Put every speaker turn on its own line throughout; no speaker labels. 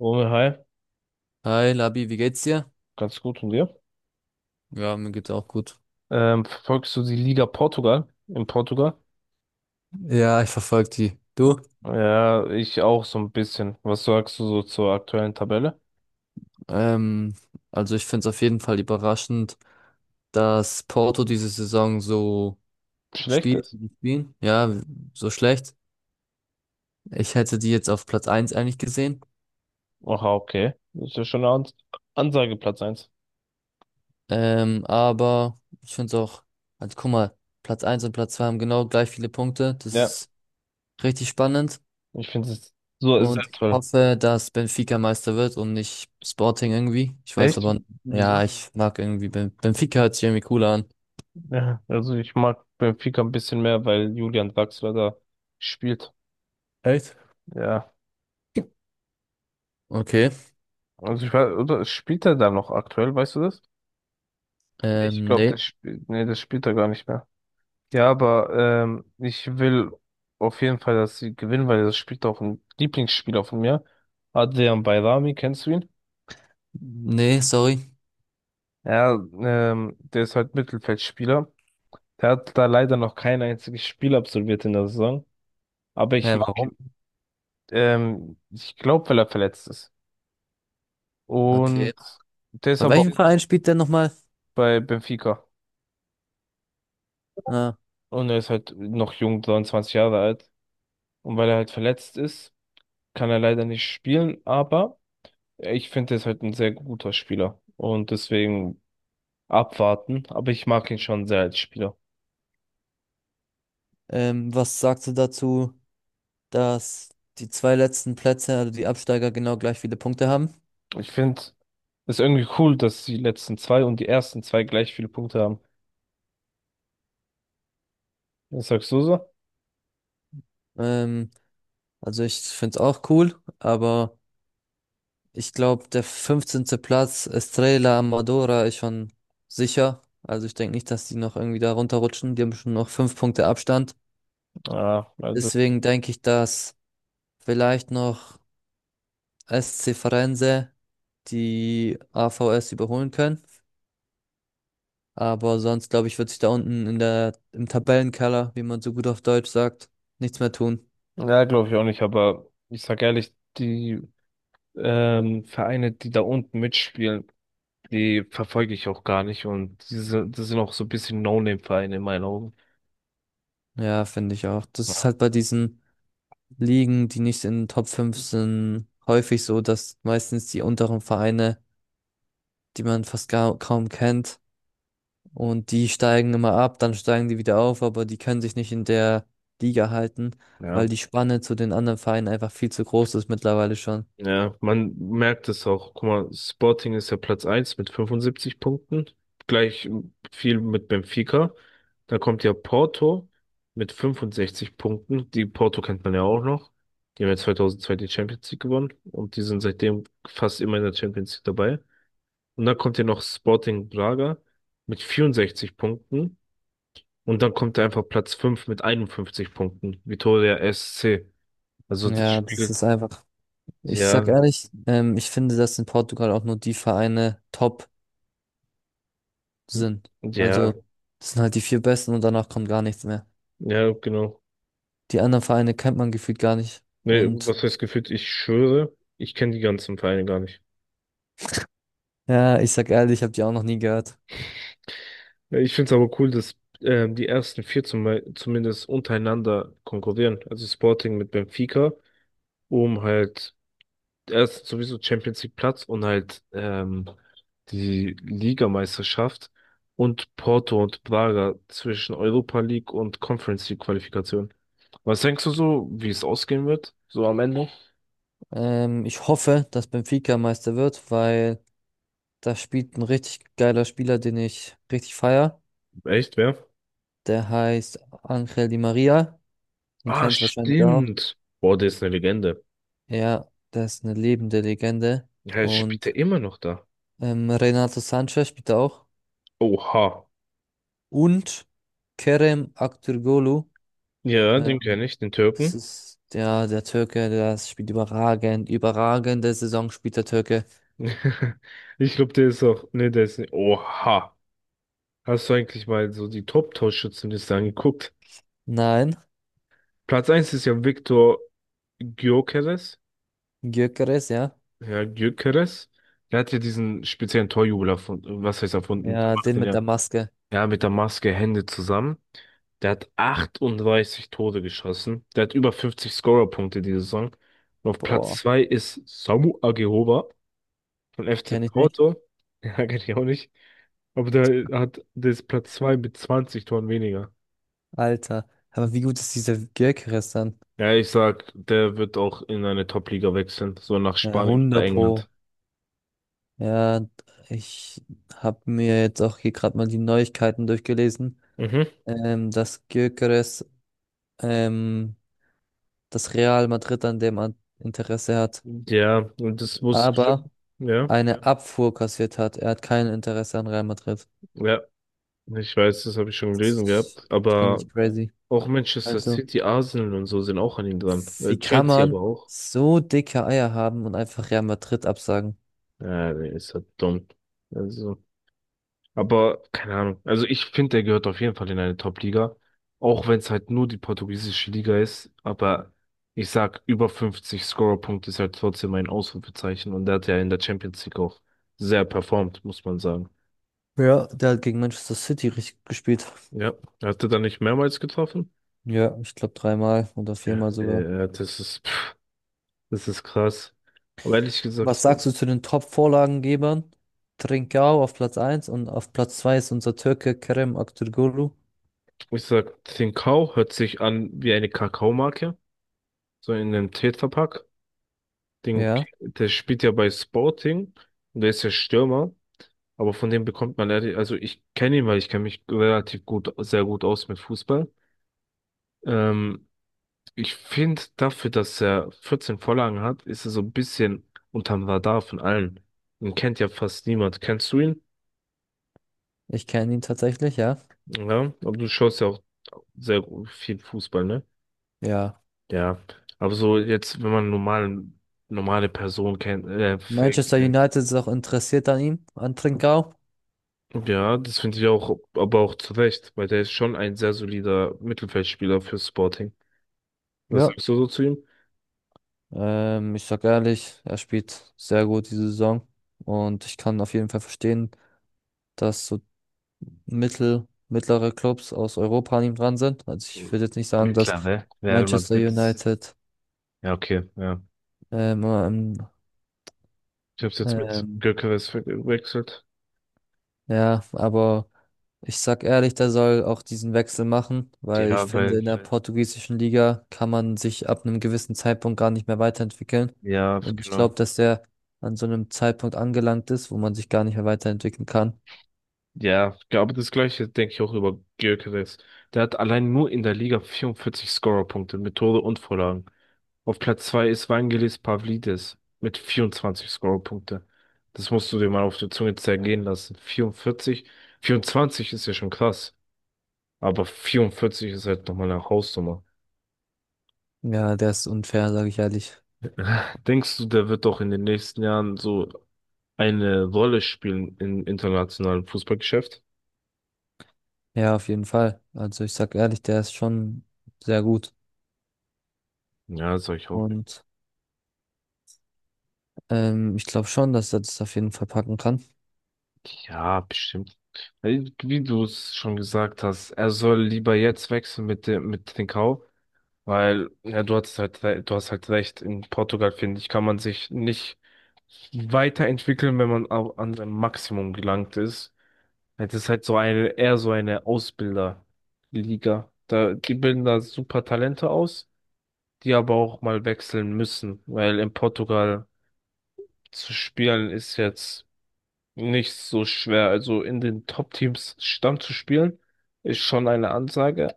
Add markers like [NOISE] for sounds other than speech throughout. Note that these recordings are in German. Romeo, hi,
Hi Labi, wie geht's dir?
ganz gut und dir?
Ja, mir geht's auch gut.
Verfolgst du die Liga Portugal in Portugal?
Ja, ich verfolge die. Du?
Ja, ich auch so ein bisschen. Was sagst du so zur aktuellen Tabelle?
Ähm, also ich finde es auf jeden Fall überraschend, dass Porto diese Saison so
Schlecht
spielt,
ist.
wie sie spielen. Ja, so schlecht. Ich hätte die jetzt auf Platz eins eigentlich gesehen.
Aha, okay. Das ist ja schon eine Ansage, Platz 1.
Aber ich finde es auch, also guck mal, Platz eins und Platz 2 haben genau gleich viele Punkte. Das
Ja,
ist richtig spannend.
ich finde es so ist sehr
Und ich
toll.
hoffe, dass Benfica Meister wird und nicht Sporting irgendwie. Ich weiß
Echt?
aber,
Wieso?
ja, ich mag irgendwie Benfica hört sich irgendwie cooler an.
Ja, also ich mag Benfica ein bisschen mehr, weil Julian Draxler da spielt.
Echt?
Ja,
Okay.
also ich weiß, oder spielt er da noch aktuell, weißt du das? Ich glaube,
Nee.
das spielt, nee, das spielt er gar nicht. Ja, aber ich will auf jeden Fall, dass sie gewinnen, weil das spielt auch ein Lieblingsspieler von mir. Adrian Bayrami, kennst du ihn?
Nee, sorry.
Ja, der ist halt Mittelfeldspieler. Der hat da leider noch kein einziges Spiel absolviert in der Saison. Aber ich
Hä,
mag
warum?
ihn. Ich glaube, weil er verletzt ist. Und
Okay.
der ist
Bei
aber
welchem
auch
Verein spielt der nochmal?
bei Benfica.
Ah,
Und er ist halt noch jung, 23 Jahre alt. Und weil er halt verletzt ist, kann er leider nicht spielen, aber. Ich finde, er ist halt ein sehr guter Spieler und deswegen abwarten, aber ich mag ihn schon sehr als Spieler.
was sagst du dazu, dass die zwei letzten Plätze, also die Absteiger, genau gleich viele Punkte haben?
Ich finde es irgendwie cool, dass die letzten zwei und die ersten zwei gleich viele Punkte haben. Was sagst du so?
Ähm, also ich finde es auch cool, aber. Ich glaube, der fünfzehnte Platz, Estrella Amadora, ist schon sicher. Also ich denke nicht, dass die noch irgendwie da runterrutschen. Die haben schon noch fünf Punkte Abstand.
Ja, also,
Deswegen denke ich, dass vielleicht noch SC Firenze die AVS überholen können. Aber sonst, glaube ich, wird sich da unten im Tabellenkeller, wie man so gut auf Deutsch sagt, nichts mehr tun.
ja, glaube ich auch nicht, aber ich sag ehrlich, die Vereine, die da unten mitspielen, die verfolge ich auch gar nicht und diese, das sind auch so ein bisschen No-Name-Vereine in meinen Augen.
Ja, finde ich auch. Das ist
Ja.
halt bei diesen Ligen, die nicht in den Top 5 sind, häufig so, dass meistens die unteren Vereine die man kaum kennt. Und die steigen immer ab, dann steigen die wieder auf, aber die können sich nicht in der Liga halten, weil
Ja.
die Spanne zu den anderen Vereinen einfach viel zu groß ist mittlerweile schon.
Ja, man merkt es auch. Guck mal, Sporting ist ja Platz eins mit 75 Punkten. Gleich viel mit Benfica. Dann kommt ja Porto mit 65 Punkten. Die Porto kennt man ja auch noch. Die haben ja 2002 die Champions League gewonnen und die sind seitdem fast immer in der Champions League dabei. Und dann kommt ja noch Sporting Braga mit 64 Punkten. Und dann kommt da einfach Platz 5 mit 51 Punkten. Vitória SC. Also das
Ja, das
spiegelt,
ist einfach, ich sag
ja,
ehrlich, ich finde, dass in Portugal auch nur die Vereine top sind. Also,
ja,
das sind halt die vier besten und danach kommt gar nichts mehr.
ja, genau.
Die anderen Vereine kennt man gefühlt gar nicht.
Nee,
Und
was heißt gefühlt? Ich schwöre, ich kenne die ganzen Vereine gar nicht.
ja, ich sag ehrlich, ich habe die auch noch nie gehört.
Ja, ich finde es aber cool, dass die ersten vier zumindest untereinander konkurrieren. Also Sporting mit Benfica, um halt erst sowieso Champions League Platz und halt die Ligameisterschaft und Porto und Braga zwischen Europa League und Conference League Qualifikation. Was denkst du so, wie es ausgehen wird? So am Ende?
Ich hoffe, dass Benfica Meister wird, weil da spielt ein richtig geiler Spieler, den ich richtig feier.
Echt, wer?
Der heißt Ángel Di María. Den
Ah,
kennst du wahrscheinlich auch.
stimmt. Boah, der ist eine Legende.
Ja, der ist eine lebende Legende.
Ja, jetzt spielt
Und
er immer noch da.
Renato Sanchez spielt da auch.
Oha.
Und Kerem Aktürkoğlu.
Ja,
Äh,
den kenne ich, den
Das
Türken.
ist der Türke, der spielt überragend. Überragende Saison spielt der Türke.
[LAUGHS] Ich glaube, der ist auch. Ne, der ist nicht. Oha. Hast du eigentlich mal so die Top-Torschützenliste angeguckt?
Nein,
Platz eins ist ja Viktor Gyökeres.
Gyökeres, ja.
Ja, Gyökeres. Der hat ja diesen speziellen Torjubel erfunden. Was heißt erfunden? Der
Ja,
macht
den
den
mit
ja.
der Maske.
Ja, mit der Maske Hände zusammen. Der hat 38 Tore geschossen. Der hat über 50 Scorerpunkte diese Saison. Und auf Platz
Boah,
2 ist Samu Agehova. Von FC
kenne ich nicht.
Porto? [LAUGHS] Ja, kenn ich auch nicht. Aber der ist Platz 2 mit 20 Toren weniger.
Alter. Aber wie gut ist dieser Gyökeres dann?
Ja, ich sag, der wird auch in eine Top-Liga wechseln, so nach
Ja,
Spanien oder
100 Pro.
England.
Ja, ich habe mir jetzt auch hier gerade mal die Neuigkeiten durchgelesen,
Mhm.
dass Gyökeres ähm, das Real Madrid an Interesse hat,
Ja, und das muss ich schon.
aber
Ja,
eine Ja. Abfuhr kassiert hat. Er hat kein Interesse an Real Madrid.
ja, ich weiß, das habe ich schon gelesen
Das
gehabt.
finde
Aber
ich crazy.
auch Manchester
Also,
City, Arsenal und so sind auch an ihm dran.
wie kann
Chelsea
man
aber auch.
so dicke Eier haben und einfach Real Madrid absagen?
Ja, der ist halt dumm. Also. Aber keine Ahnung. Also ich finde, der gehört auf jeden Fall in eine Top-Liga. Auch wenn es halt nur die portugiesische Liga ist. Aber ich sag, über 50 Scorerpunkte ist halt trotzdem ein Ausrufezeichen. Und der hat ja in der Champions League auch sehr performt, muss man sagen.
Ja, der hat gegen Manchester City richtig gespielt.
Ja, er hatte da nicht mehrmals getroffen.
Ja, ich glaube dreimal oder
Ja,
viermal sogar.
das ist, pff, das ist krass. Aber ehrlich gesagt,
Was
so,
sagst du zu den Top-Vorlagengebern? Trincao auf Platz eins und auf Platz 2 ist unser Türke Kerem Aktürkoğlu.
ich sag, Trincão hört sich an wie eine Kakaomarke, so in einem Tetrapack. Den,
Ja,
Der spielt ja bei Sporting und der ist ja Stürmer, aber von dem bekommt man leider, also ich kenne ihn, weil ich kenne mich relativ gut, sehr gut aus mit Fußball. Ähm, Ich finde dafür, dass er 14 Vorlagen hat, ist er so ein bisschen unterm Radar von allen. Ihn kennt ja fast niemand. Kennst du ihn?
ich kenne ihn tatsächlich, ja.
Ja, aber du schaust ja auch sehr viel Fußball, ne?
Ja.
Ja, aber so jetzt, wenn man normale Person kennt,
Manchester
fake,
United ist auch interessiert an ihm, an Trincao.
ja, das finde ich auch, aber auch zu Recht, weil der ist schon ein sehr solider Mittelfeldspieler für Sporting. Was
Ja.
sagst du so zu ihm?
Ich sag ehrlich, er spielt sehr gut diese Saison und ich kann auf jeden Fall verstehen, dass so mittlere Clubs aus Europa an ihm dran sind. Also ich würde jetzt nicht sagen, dass
Mittlerweile Real
Manchester
Madrid.
United
Ja, okay, ja.
ähm, ähm,
Ich habe jetzt mit
ähm,
Gyökeres verwechselt.
ja, aber ich sag ehrlich, der soll auch diesen Wechsel machen, weil ich
Ja,
finde, in
weil,
der portugiesischen Liga kann man sich ab einem gewissen Zeitpunkt gar nicht mehr weiterentwickeln.
ja,
Und ich
genau.
glaube, dass der an so einem Zeitpunkt angelangt ist, wo man sich gar nicht mehr weiterentwickeln kann.
Ja, aber das Gleiche denke ich auch über Gyökeres. Der hat allein nur in der Liga 44 Scorerpunkte mit Tore und Vorlagen. Auf Platz zwei ist Vangelis Pavlidis mit 24 Scorerpunkte. Das musst du dir mal auf der Zunge zergehen lassen. 44, 24 ist ja schon krass, aber 44 ist halt nochmal eine Hausnummer.
Ja, der ist unfair, sage ich ehrlich.
[LAUGHS] Denkst du, der wird doch in den nächsten Jahren so eine Rolle spielen im internationalen Fußballgeschäft?
Ja, auf jeden Fall. Also ich sag ehrlich, der ist schon sehr gut.
Ja, sag ich auch.
Und ich glaube schon, dass er das auf jeden Fall packen kann.
Ja, bestimmt. Weil, wie du es schon gesagt hast, er soll lieber jetzt wechseln mit dem, mit Trincao. Weil, ja, du hast halt recht, in Portugal, finde ich, kann man sich nicht weiterentwickeln, wenn man an sein Maximum gelangt ist. Es ist halt eher so eine Ausbilderliga. Die bilden da super Talente aus, die aber auch mal wechseln müssen, weil in Portugal zu spielen ist jetzt nicht so schwer. Also in den Top-Teams Stamm zu spielen, ist schon eine Ansage,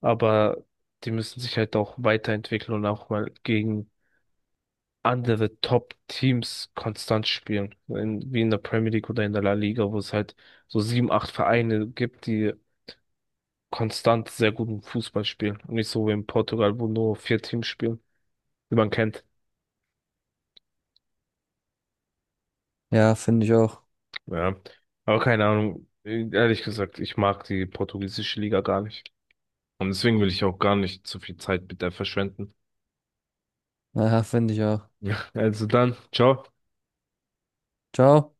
aber die müssen sich halt auch weiterentwickeln und auch mal gegen andere Top-Teams konstant spielen. Wie in der Premier League oder in der La Liga, wo es halt so sieben, acht Vereine gibt, die konstant sehr guten Fußball spielen. Und nicht so wie in Portugal, wo nur vier Teams spielen, die man kennt.
Ja, finde ich auch.
Ja. Aber keine Ahnung. Ehrlich gesagt, ich mag die portugiesische Liga gar nicht. Und deswegen will ich auch gar nicht zu viel Zeit mit der verschwenden. [LAUGHS]
Ja, finde ich auch.
Ja, also dann, ciao.
Ciao.